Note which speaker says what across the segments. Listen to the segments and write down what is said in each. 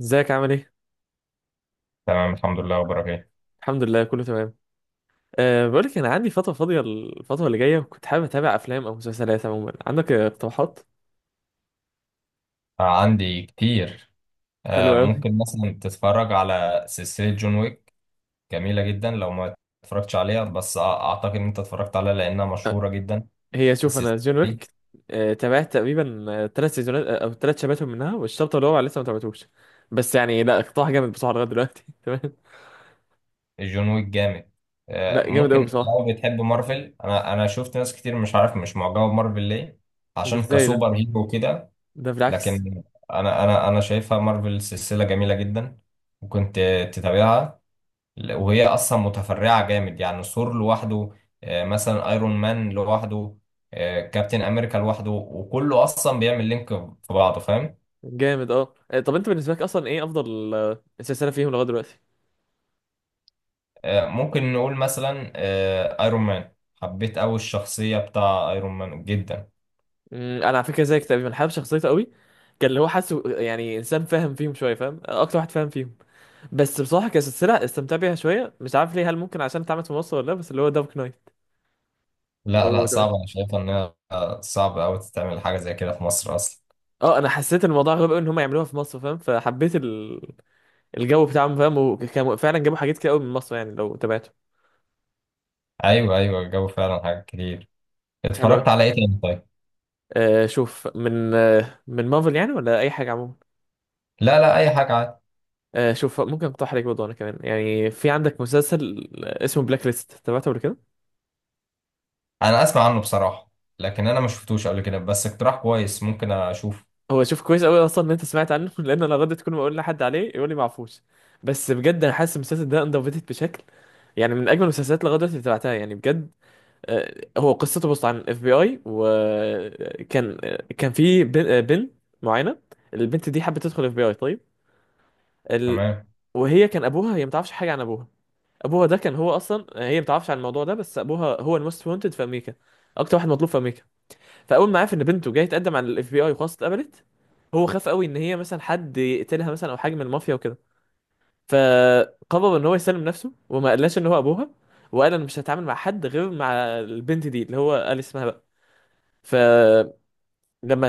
Speaker 1: ازيك عامل ايه؟
Speaker 2: تمام الحمد لله، اخبارك ايه؟
Speaker 1: الحمد لله كله تمام. بقولك انا عندي فترة فاضية الفترة اللي جاية وكنت حابب اتابع افلام او مسلسلات عموما، عندك اقتراحات؟
Speaker 2: آه، عندي كتير. آه،
Speaker 1: حلوة اوي.
Speaker 2: ممكن مثلا تتفرج على سلسلة جون ويك. جميلة جدا لو ما اتفرجتش عليها بس اعتقد ان انت اتفرجت عليها لانها
Speaker 1: أه
Speaker 2: مشهورة جدا.
Speaker 1: هي شوف، انا
Speaker 2: السلسلة
Speaker 1: جون
Speaker 2: دي
Speaker 1: ويك تابعت تقريبا ثلاث سيزونات، او ثلاث شباتهم منها، والشابتر اللي هو لسه ما تابعتوش. بس يعني لا، اقتراح جامد بصراحة لغاية دلوقتي. تمام.
Speaker 2: جون ويك جامد. آه،
Speaker 1: لا جامد
Speaker 2: ممكن
Speaker 1: اوي بصراحة.
Speaker 2: لو بتحب مارفل انا شفت ناس كتير، مش عارف مش معجبة بمارفل ليه،
Speaker 1: ده
Speaker 2: عشان
Speaker 1: ازاي ده؟
Speaker 2: كسوبر هيرو كده.
Speaker 1: ده بالعكس.
Speaker 2: لكن انا شايفها مارفل سلسلة جميلة جدا، وكنت تتابعها، وهي اصلا متفرعه جامد، يعني ثور لوحده، مثلا ايرون مان لوحده، كابتن امريكا لوحده، وكله اصلا بيعمل لينك في بعضه، فاهم؟
Speaker 1: جامد اه، طب انت بالنسبة لك اصلا ايه افضل سلسلة فيهم لغاية دلوقتي؟
Speaker 2: ممكن نقول مثلا ايرون مان. حبيت قوي الشخصيه بتاع ايرون مان جدا.
Speaker 1: مم، انا على فكره زيك تقريبا، حابب شخصيته قوي. كان اللي هو حاسه يعني انسان فاهم فيهم شويه، فاهم اكتر واحد فاهم فيهم. بس بصراحه كسلسله استمتع بيها شويه، مش عارف ليه، هل ممكن عشان اتعملت في مصر ولا لا، بس اللي هو دارك نايت.
Speaker 2: لا
Speaker 1: لو
Speaker 2: لا،
Speaker 1: تمام،
Speaker 2: صعب. انا شايفه انها صعب قوي تتعمل حاجه زي كده في مصر اصلا.
Speaker 1: اه انا حسيت الموضوع غريب قوي ان هم يعملوها في مصر فاهم، فحبيت الجو بتاعهم فاهم، وكانوا فعلا جابوا حاجات كتير قوي من مصر يعني لو تابعته.
Speaker 2: ايوه ايوه، الجو فعلا حاجات كتير.
Speaker 1: حلو قوي.
Speaker 2: اتفرجت على ايه تاني طيب؟
Speaker 1: آه شوف، من آه من مارفل يعني ولا اي حاجه عموما.
Speaker 2: لا لا، اي حاجه عادي.
Speaker 1: آه شوف، ممكن اقترح عليك برضه انا كمان يعني، في عندك مسلسل اسمه بلاك ليست، تابعته قبل كده؟
Speaker 2: انا اسمع عنه بصراحه، لكن انا ما شفتوش قبل كده، بس اقتراح كويس، ممكن اشوفه.
Speaker 1: هو شوف، كويس قوي اصلا ان انت سمعت عنه لان انا غدت كل ما اقول لحد عليه يقول لي معفوش. بس بجد انا حاسس المسلسل ده اندر بشكل، يعني من اجمل المسلسلات لغايه دلوقتي اللي تابعتها يعني بجد. هو قصته بص، عن اف بي اي، وكان كان في بنت معينه، البنت دي حبت تدخل اف بي اي، طيب ال...
Speaker 2: تمام.
Speaker 1: وهي كان ابوها، هي ما تعرفش حاجه عن ابوها. ابوها ده كان هو اصلا، هي ما تعرفش عن الموضوع ده، بس ابوها هو الموست وانتد في امريكا، اكتر واحد مطلوب في امريكا. فاول ما عرف ان بنته جايه تقدم على الاف بي اي وخلاص اتقبلت، هو خاف قوي ان هي مثلا حد يقتلها مثلا او حاجه من المافيا وكده. فقرر ان هو يسلم نفسه وما قالهاش ان هو ابوها، وقال انا مش هتعامل مع حد غير مع البنت دي اللي هو قال اسمها بقى. فلما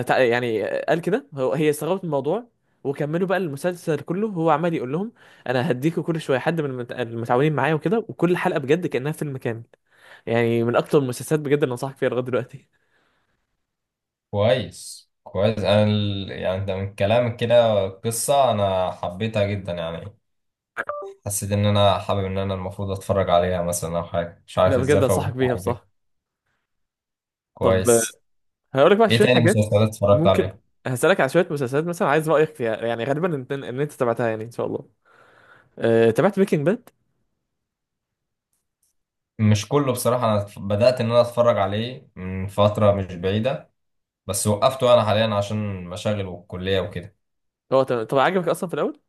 Speaker 1: يعني قال كده، هو هي استغربت من الموضوع. وكملوا بقى المسلسل كله هو عمال يقول لهم انا هديكوا كل شويه حد من المتعاونين معايا وكده، وكل حلقه بجد كانها فيلم كامل. يعني من اكتر المسلسلات بجد اللي انصحك فيها لغايه دلوقتي.
Speaker 2: كويس كويس. انا ال... يعني ده من كلامك كده قصة انا حبيتها جدا يعني، حسيت ان انا حابب ان انا المفروض اتفرج عليها مثلا، او حاجة مش
Speaker 1: لا
Speaker 2: عارف ازاي
Speaker 1: بجد
Speaker 2: فوت
Speaker 1: انصحك بيها
Speaker 2: حاجة كده.
Speaker 1: بصراحه. طب
Speaker 2: كويس.
Speaker 1: هقول لك بقى
Speaker 2: ايه
Speaker 1: شويه
Speaker 2: تاني
Speaker 1: حاجات،
Speaker 2: مسلسلات اتفرجت
Speaker 1: ممكن
Speaker 2: عليها؟
Speaker 1: هسألك على شويه مسلسلات مثلا، عايز رأيك فيها يعني، غالبا انت ان انت تابعتها يعني ان شاء الله. تابعت بريكنج باد؟
Speaker 2: مش كله بصراحة. انا بدأت ان انا اتفرج عليه من فترة مش بعيدة، بس وقفته انا حاليا عشان مشاغل والكلية وكده.
Speaker 1: هو تمام، طب عجبك اصلا في الاول؟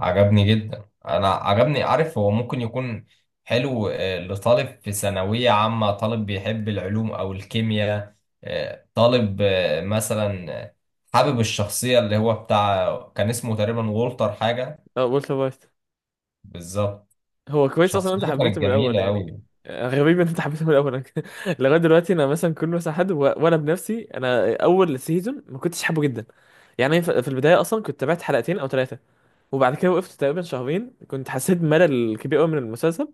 Speaker 2: عجبني جدا. انا عجبني، عارف، هو ممكن يكون حلو لطالب في ثانوية عامة، طالب بيحب العلوم او الكيمياء، آه، طالب آه، مثلا آه، حابب الشخصية اللي هو بتاع كان اسمه تقريبا وولتر حاجة.
Speaker 1: اه والتر وايت.
Speaker 2: بالظبط.
Speaker 1: هو كويس اصلا إن انت
Speaker 2: شخصيته
Speaker 1: حبيته
Speaker 2: كانت
Speaker 1: من الاول
Speaker 2: جميلة
Speaker 1: يعني.
Speaker 2: قوي.
Speaker 1: غريب ان انت حبيته من الاول. لغايه دلوقتي انا مثلا كل مثلا حد وانا بنفسي انا اول سيزون ما كنتش حابه جدا، يعني في في البدايه اصلا كنت تابعت حلقتين او ثلاثه، وبعد كده وقفت تقريبا شهرين، كنت حسيت بملل كبير قوي من المسلسل.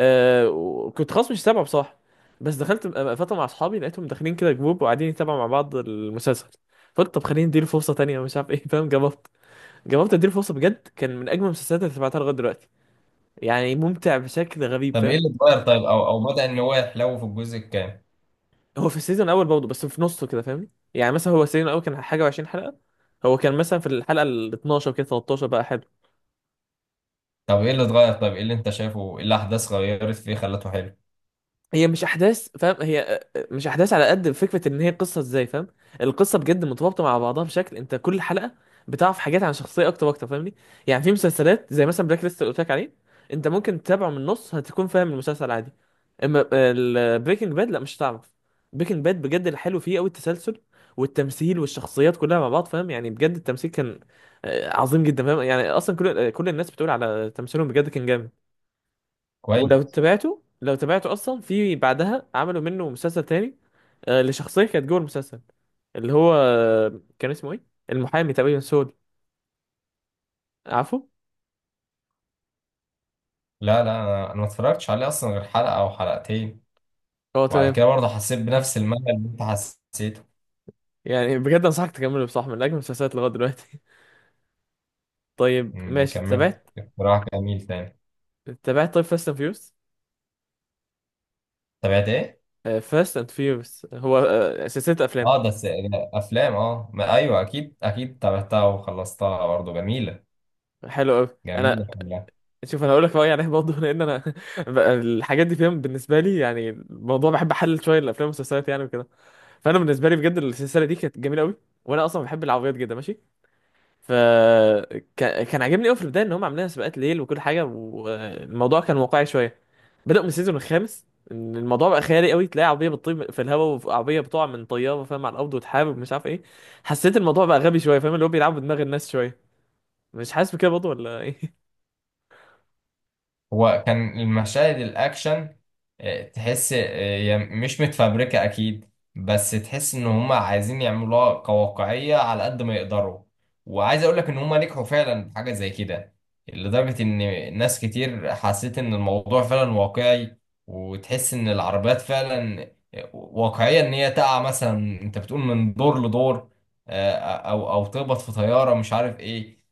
Speaker 1: وكنت خلاص مش سامعه بصراحه، بس دخلت فتره مع اصحابي لقيتهم داخلين كده جروب وقاعدين يتابعوا مع بعض المسلسل. فقلت طب خليني اديله فرصه تانية، مش عارف ايه. فاهم، جربت اديله فرصه، بجد كان من اجمل المسلسلات اللي سمعتها لغايه دلوقتي، يعني ممتع بشكل غريب
Speaker 2: طب ايه
Speaker 1: فاهم.
Speaker 2: اللي اتغير طيب، او او بدأ ان هو يحلو في الجزء الكام؟
Speaker 1: هو في السيزون الاول برضه بس في نصه كده فاهمني، يعني مثلا هو السيزون الاول كان حاجه و20 حلقه، هو كان مثلا في الحلقه ال 12 كده 13 بقى.
Speaker 2: طب ايه اللي اتغير طيب، ايه اللي انت شايفه، ايه الاحداث غيرت فيه خلته حلو؟
Speaker 1: هي مش احداث فاهم، هي مش احداث على قد فكره ان هي قصه ازاي فاهم. القصه بجد مترابطه مع بعضها بشكل، انت كل حلقه بتعرف حاجات عن شخصيه اكتر واكتر فاهمني. يعني في مسلسلات زي مثلا بلاك ليست اللي قلت لك عليه، انت ممكن تتابعه من النص هتكون فاهم المسلسل عادي، اما البريكنج باد لا، مش هتعرف. بريكنج باد بجد الحلو فيه قوي التسلسل والتمثيل والشخصيات كلها مع بعض فاهم. يعني بجد التمثيل كان عظيم جدا فاهم، يعني اصلا كل كل الناس بتقول على تمثيلهم بجد كان جامد. ولو
Speaker 2: كويس.
Speaker 1: تابعته، لو تابعته اصلا في بعدها عملوا منه مسلسل تاني، لشخصيه كانت جوه المسلسل، اللي هو كان اسمه ايه، المحامي تقريبا سود، عارفه؟
Speaker 2: لا لا، انا ما اتفرجتش عليه اصلا غير حلقة او حلقتين،
Speaker 1: اه
Speaker 2: وبعد
Speaker 1: تمام.
Speaker 2: كده برضه حسيت بنفس الملل اللي انت حسيته.
Speaker 1: يعني بجد انصحك تكمله بصح، من اجمل المسلسلات لغايه دلوقتي. طيب
Speaker 2: أمم،
Speaker 1: ماشي.
Speaker 2: كملت.
Speaker 1: تابعت،
Speaker 2: اقتراح جميل تاني.
Speaker 1: تابعت طيب فاست اند فيوس؟
Speaker 2: تابعت ايه؟
Speaker 1: فاست اند فيوس هو سلسله افلام.
Speaker 2: اه ده ده افلام. اه ما ايوه، اكيد اكيد تابعتها وخلصتها، برضه جميله.
Speaker 1: حلو قوي.
Speaker 2: جميله
Speaker 1: انا
Speaker 2: كلها.
Speaker 1: شوف، انا هقول لك رايي عليه برضه، لان انا بقى الحاجات دي فاهم بالنسبه لي، يعني الموضوع بحب احلل شويه الافلام والمسلسلات يعني وكده. فانا بالنسبه لي بجد السلسله دي كانت جميله قوي، وانا اصلا بحب العربيات جدا ماشي. فكان كان كان عاجبني قوي في البدايه ان هم عاملين سباقات ليل وكل حاجه، والموضوع كان واقعي شويه. بدأوا من السيزون الخامس ان الموضوع بقى خيالي قوي، تلاقي عربيه بتطير في الهواء وعربيه بتقع من طياره فاهم على الارض وتحارب مش عارف ايه. حسيت الموضوع بقى غبي شويه فاهم، اللي هو بيلعبوا بدماغ الناس شويه، مش حاسس بكده برضه ولا ايه؟
Speaker 2: هو كان المشاهد الاكشن، تحس هي مش متفبركه اكيد، بس تحس ان هم عايزين يعملوها كواقعيه على قد ما يقدروا، وعايز اقول لك ان هم نجحوا فعلا في حاجه زي كده، لدرجه ان ناس كتير حسيت ان الموضوع فعلا واقعي، وتحس ان العربيات فعلا واقعيه، ان هي تقع مثلا انت بتقول من دور لدور، او او تخبط في طياره مش عارف ايه.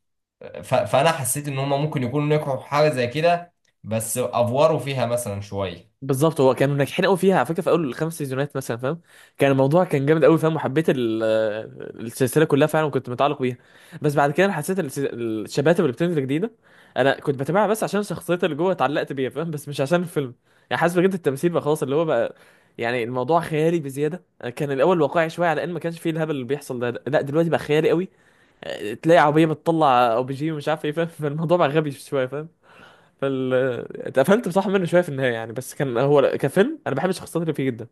Speaker 2: فانا حسيت ان هم ممكن يكونوا نجحوا في حاجه زي كده، بس افوروا فيها مثلا شويه.
Speaker 1: بالظبط. هو كانوا ناجحين قوي فيها على فكره في اول الخمس سيزونات مثلا فاهم، الموضوع كان جامد قوي فاهم، وحبيت السلسله كلها فعلا وكنت متعلق بيها. بس بعد كده أنا حسيت الشباتب اللي بتنزل جديده، انا كنت بتابعها بس عشان الشخصيات اللي جوه اتعلقت بيها فاهم، بس مش عشان الفيلم. يعني حاسس بجد التمثيل بقى خلاص، اللي هو بقى يعني الموضوع خيالي بزياده. كان الاول واقعي شويه، على ان ما كانش فيه الهبل اللي بيحصل ده، لا دلوقتي بقى خيالي قوي، تلاقي عربيه بتطلع او بيجي ومش عارف ايه فاهم. فالموضوع بقى غبي شويه فاهم. فال اتقفلت بصراحه منه شويه في النهايه يعني، بس كان هو كفيلم انا بحب الشخصيات اللي فيه جدا.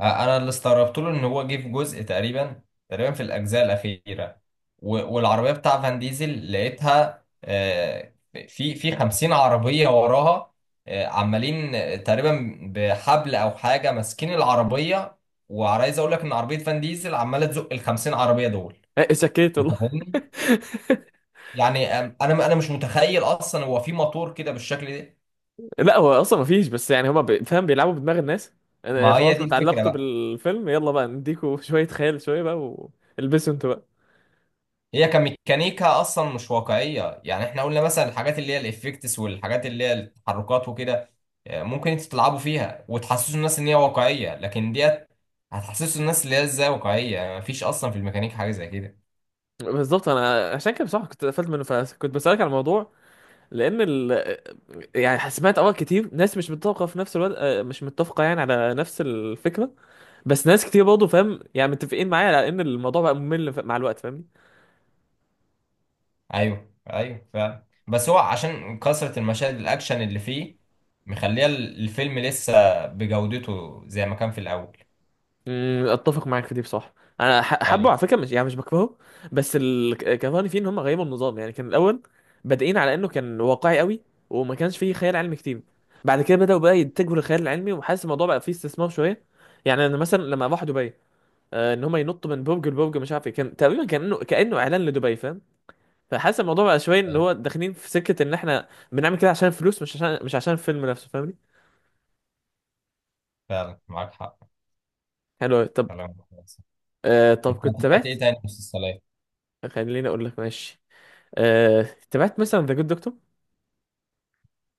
Speaker 2: انا اللي استغربت له ان هو جه في جزء تقريبا، تقريبا في الاجزاء الاخيره، والعربيه بتاع فان ديزل لقيتها، في 50 عربيه وراها، عمالين تقريبا بحبل او حاجه ماسكين العربيه، وعايز اقول لك ان عربيه فان ديزل عماله تزق ال 50 عربيه دول.
Speaker 1: إيه، سكيت
Speaker 2: انت
Speaker 1: والله.
Speaker 2: فاهمني؟ يعني انا مش متخيل اصلا هو في موتور كده بالشكل ده.
Speaker 1: لا هو اصلا ما فيش، بس يعني هما فاهم بيلعبوا بدماغ الناس. انا
Speaker 2: ما هي
Speaker 1: خلاص
Speaker 2: دي
Speaker 1: اتعلقتوا
Speaker 2: الفكره.
Speaker 1: بالفيلم يلا بقى نديكوا شويه خيال شويه بقى، والبسوا انتوا بقى.
Speaker 2: هي كميكانيكا اصلا مش واقعيه، يعني احنا قلنا مثلا الحاجات اللي هي الافكتس والحاجات اللي هي التحركات وكده، ممكن انتوا تلعبوا فيها وتحسسوا الناس ان هي واقعيه، لكن ديت هتحسسوا الناس اللي هي ازاي واقعيه، يعني مفيش اصلا في الميكانيك حاجه زي كده.
Speaker 1: بالظبط. انا عشان كده بصراحه كنت اتقفلت منه، فكنت بسالك على الموضوع لان ال... آه، يعني سمعت اراء كتير، ناس مش متفقه في نفس الوقت، مش متفقه يعني على نفس الفكره، بس ناس كتير برضه فاهم يعني متفقين معايا على ان الموضوع بقى ممل مع الوقت فاهم.
Speaker 2: ايوه ايوه، فعلا، بس هو عشان كثره المشاهد الاكشن اللي فيه مخليه الفيلم لسه بجودته زي ما كان في الاول.
Speaker 1: اتفق معاك في دي بصراحه. انا حبه
Speaker 2: ايوه
Speaker 1: على فكره، مش يعني مش بكرهه. بس كرهني فيه ان هم غيروا النظام، يعني كان الاول بادئين على انه كان واقعي قوي وما كانش فيه خيال علمي كتير، بعد كده بداوا بقى يتجهوا للخيال العلمي، وحاسس الموضوع بقى فيه استثمار شويه. يعني انا مثلا لما راح دبي، ان هم ينطوا من برج لبرج مش عارف ايه، كان تقريبا كانه اعلان لدبي فاهم. فحاسس الموضوع بقى شويه ان
Speaker 2: ايوه،
Speaker 1: هو داخلين في سكه ان احنا بنعمل كده عشان فلوس، مش عشان مش عشان الفيلم نفسه فاهمني.
Speaker 2: فعلا معاك حق.
Speaker 1: حلو أوي. طب
Speaker 2: كلام كويس.
Speaker 1: طب
Speaker 2: انت
Speaker 1: كنت
Speaker 2: تابعت
Speaker 1: تابعت،
Speaker 2: ايه تاني مسلسلات؟
Speaker 1: خليني اقول لك ماشي. آه، تابعت مثلا ذا جود دكتور؟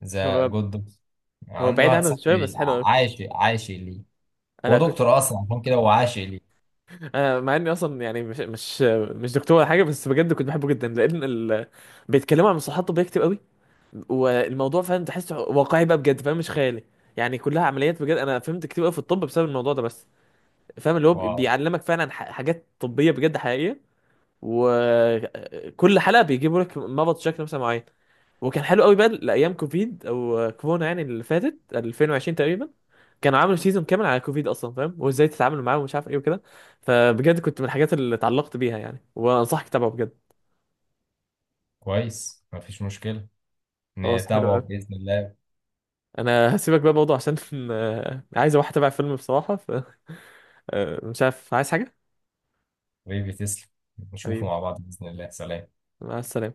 Speaker 2: ذا
Speaker 1: هو،
Speaker 2: جود دكتور؟
Speaker 1: هو
Speaker 2: عندي
Speaker 1: بعيد
Speaker 2: واحد
Speaker 1: عنه شويه
Speaker 2: صاحبي
Speaker 1: بس حلو قوي.
Speaker 2: عاشق عاشق ليه. هو
Speaker 1: انا كنت
Speaker 2: دكتور اصلا، عشان كده هو عاشق ليه.
Speaker 1: انا مع اني اصلا يعني مش دكتور ولا حاجه، بس بجد كنت بحبه جدا لان بيتكلموا عن مصطلحات طبيه كتير قوي، والموضوع فاهم تحسه واقعي بقى بجد فاهم، مش خيالي. يعني كلها عمليات، بجد انا فهمت كتير قوي في الطب بسبب الموضوع ده بس فاهم، اللي هو
Speaker 2: واو.
Speaker 1: بيعلمك فعلا حاجات طبيه بجد حقيقيه. وكل حلقه بيجيبوا لك مرض شكل مثلا معين، وكان حلو قوي بقى لايام كوفيد او كورونا يعني اللي فاتت 2020 تقريبا، كانوا عملوا سيزون كامل على كوفيد اصلا فاهم، وازاي تتعامل معاه ومش عارف ايه وكده. فبجد كنت من الحاجات اللي اتعلقت بيها يعني، وانصحك تتابعه بجد.
Speaker 2: كويس، مفيش مشكلة،
Speaker 1: هو صح حلو
Speaker 2: نتابعه
Speaker 1: قوي.
Speaker 2: بإذن الله.
Speaker 1: انا هسيبك بقى برضه عشان عايز اروح اتابع فيلم بصراحه، ف مش عارف عايز حاجه.
Speaker 2: حبيبي تسلم، نشوفه
Speaker 1: حبيبي
Speaker 2: مع بعض بإذن الله، سلام.
Speaker 1: مع السلامه.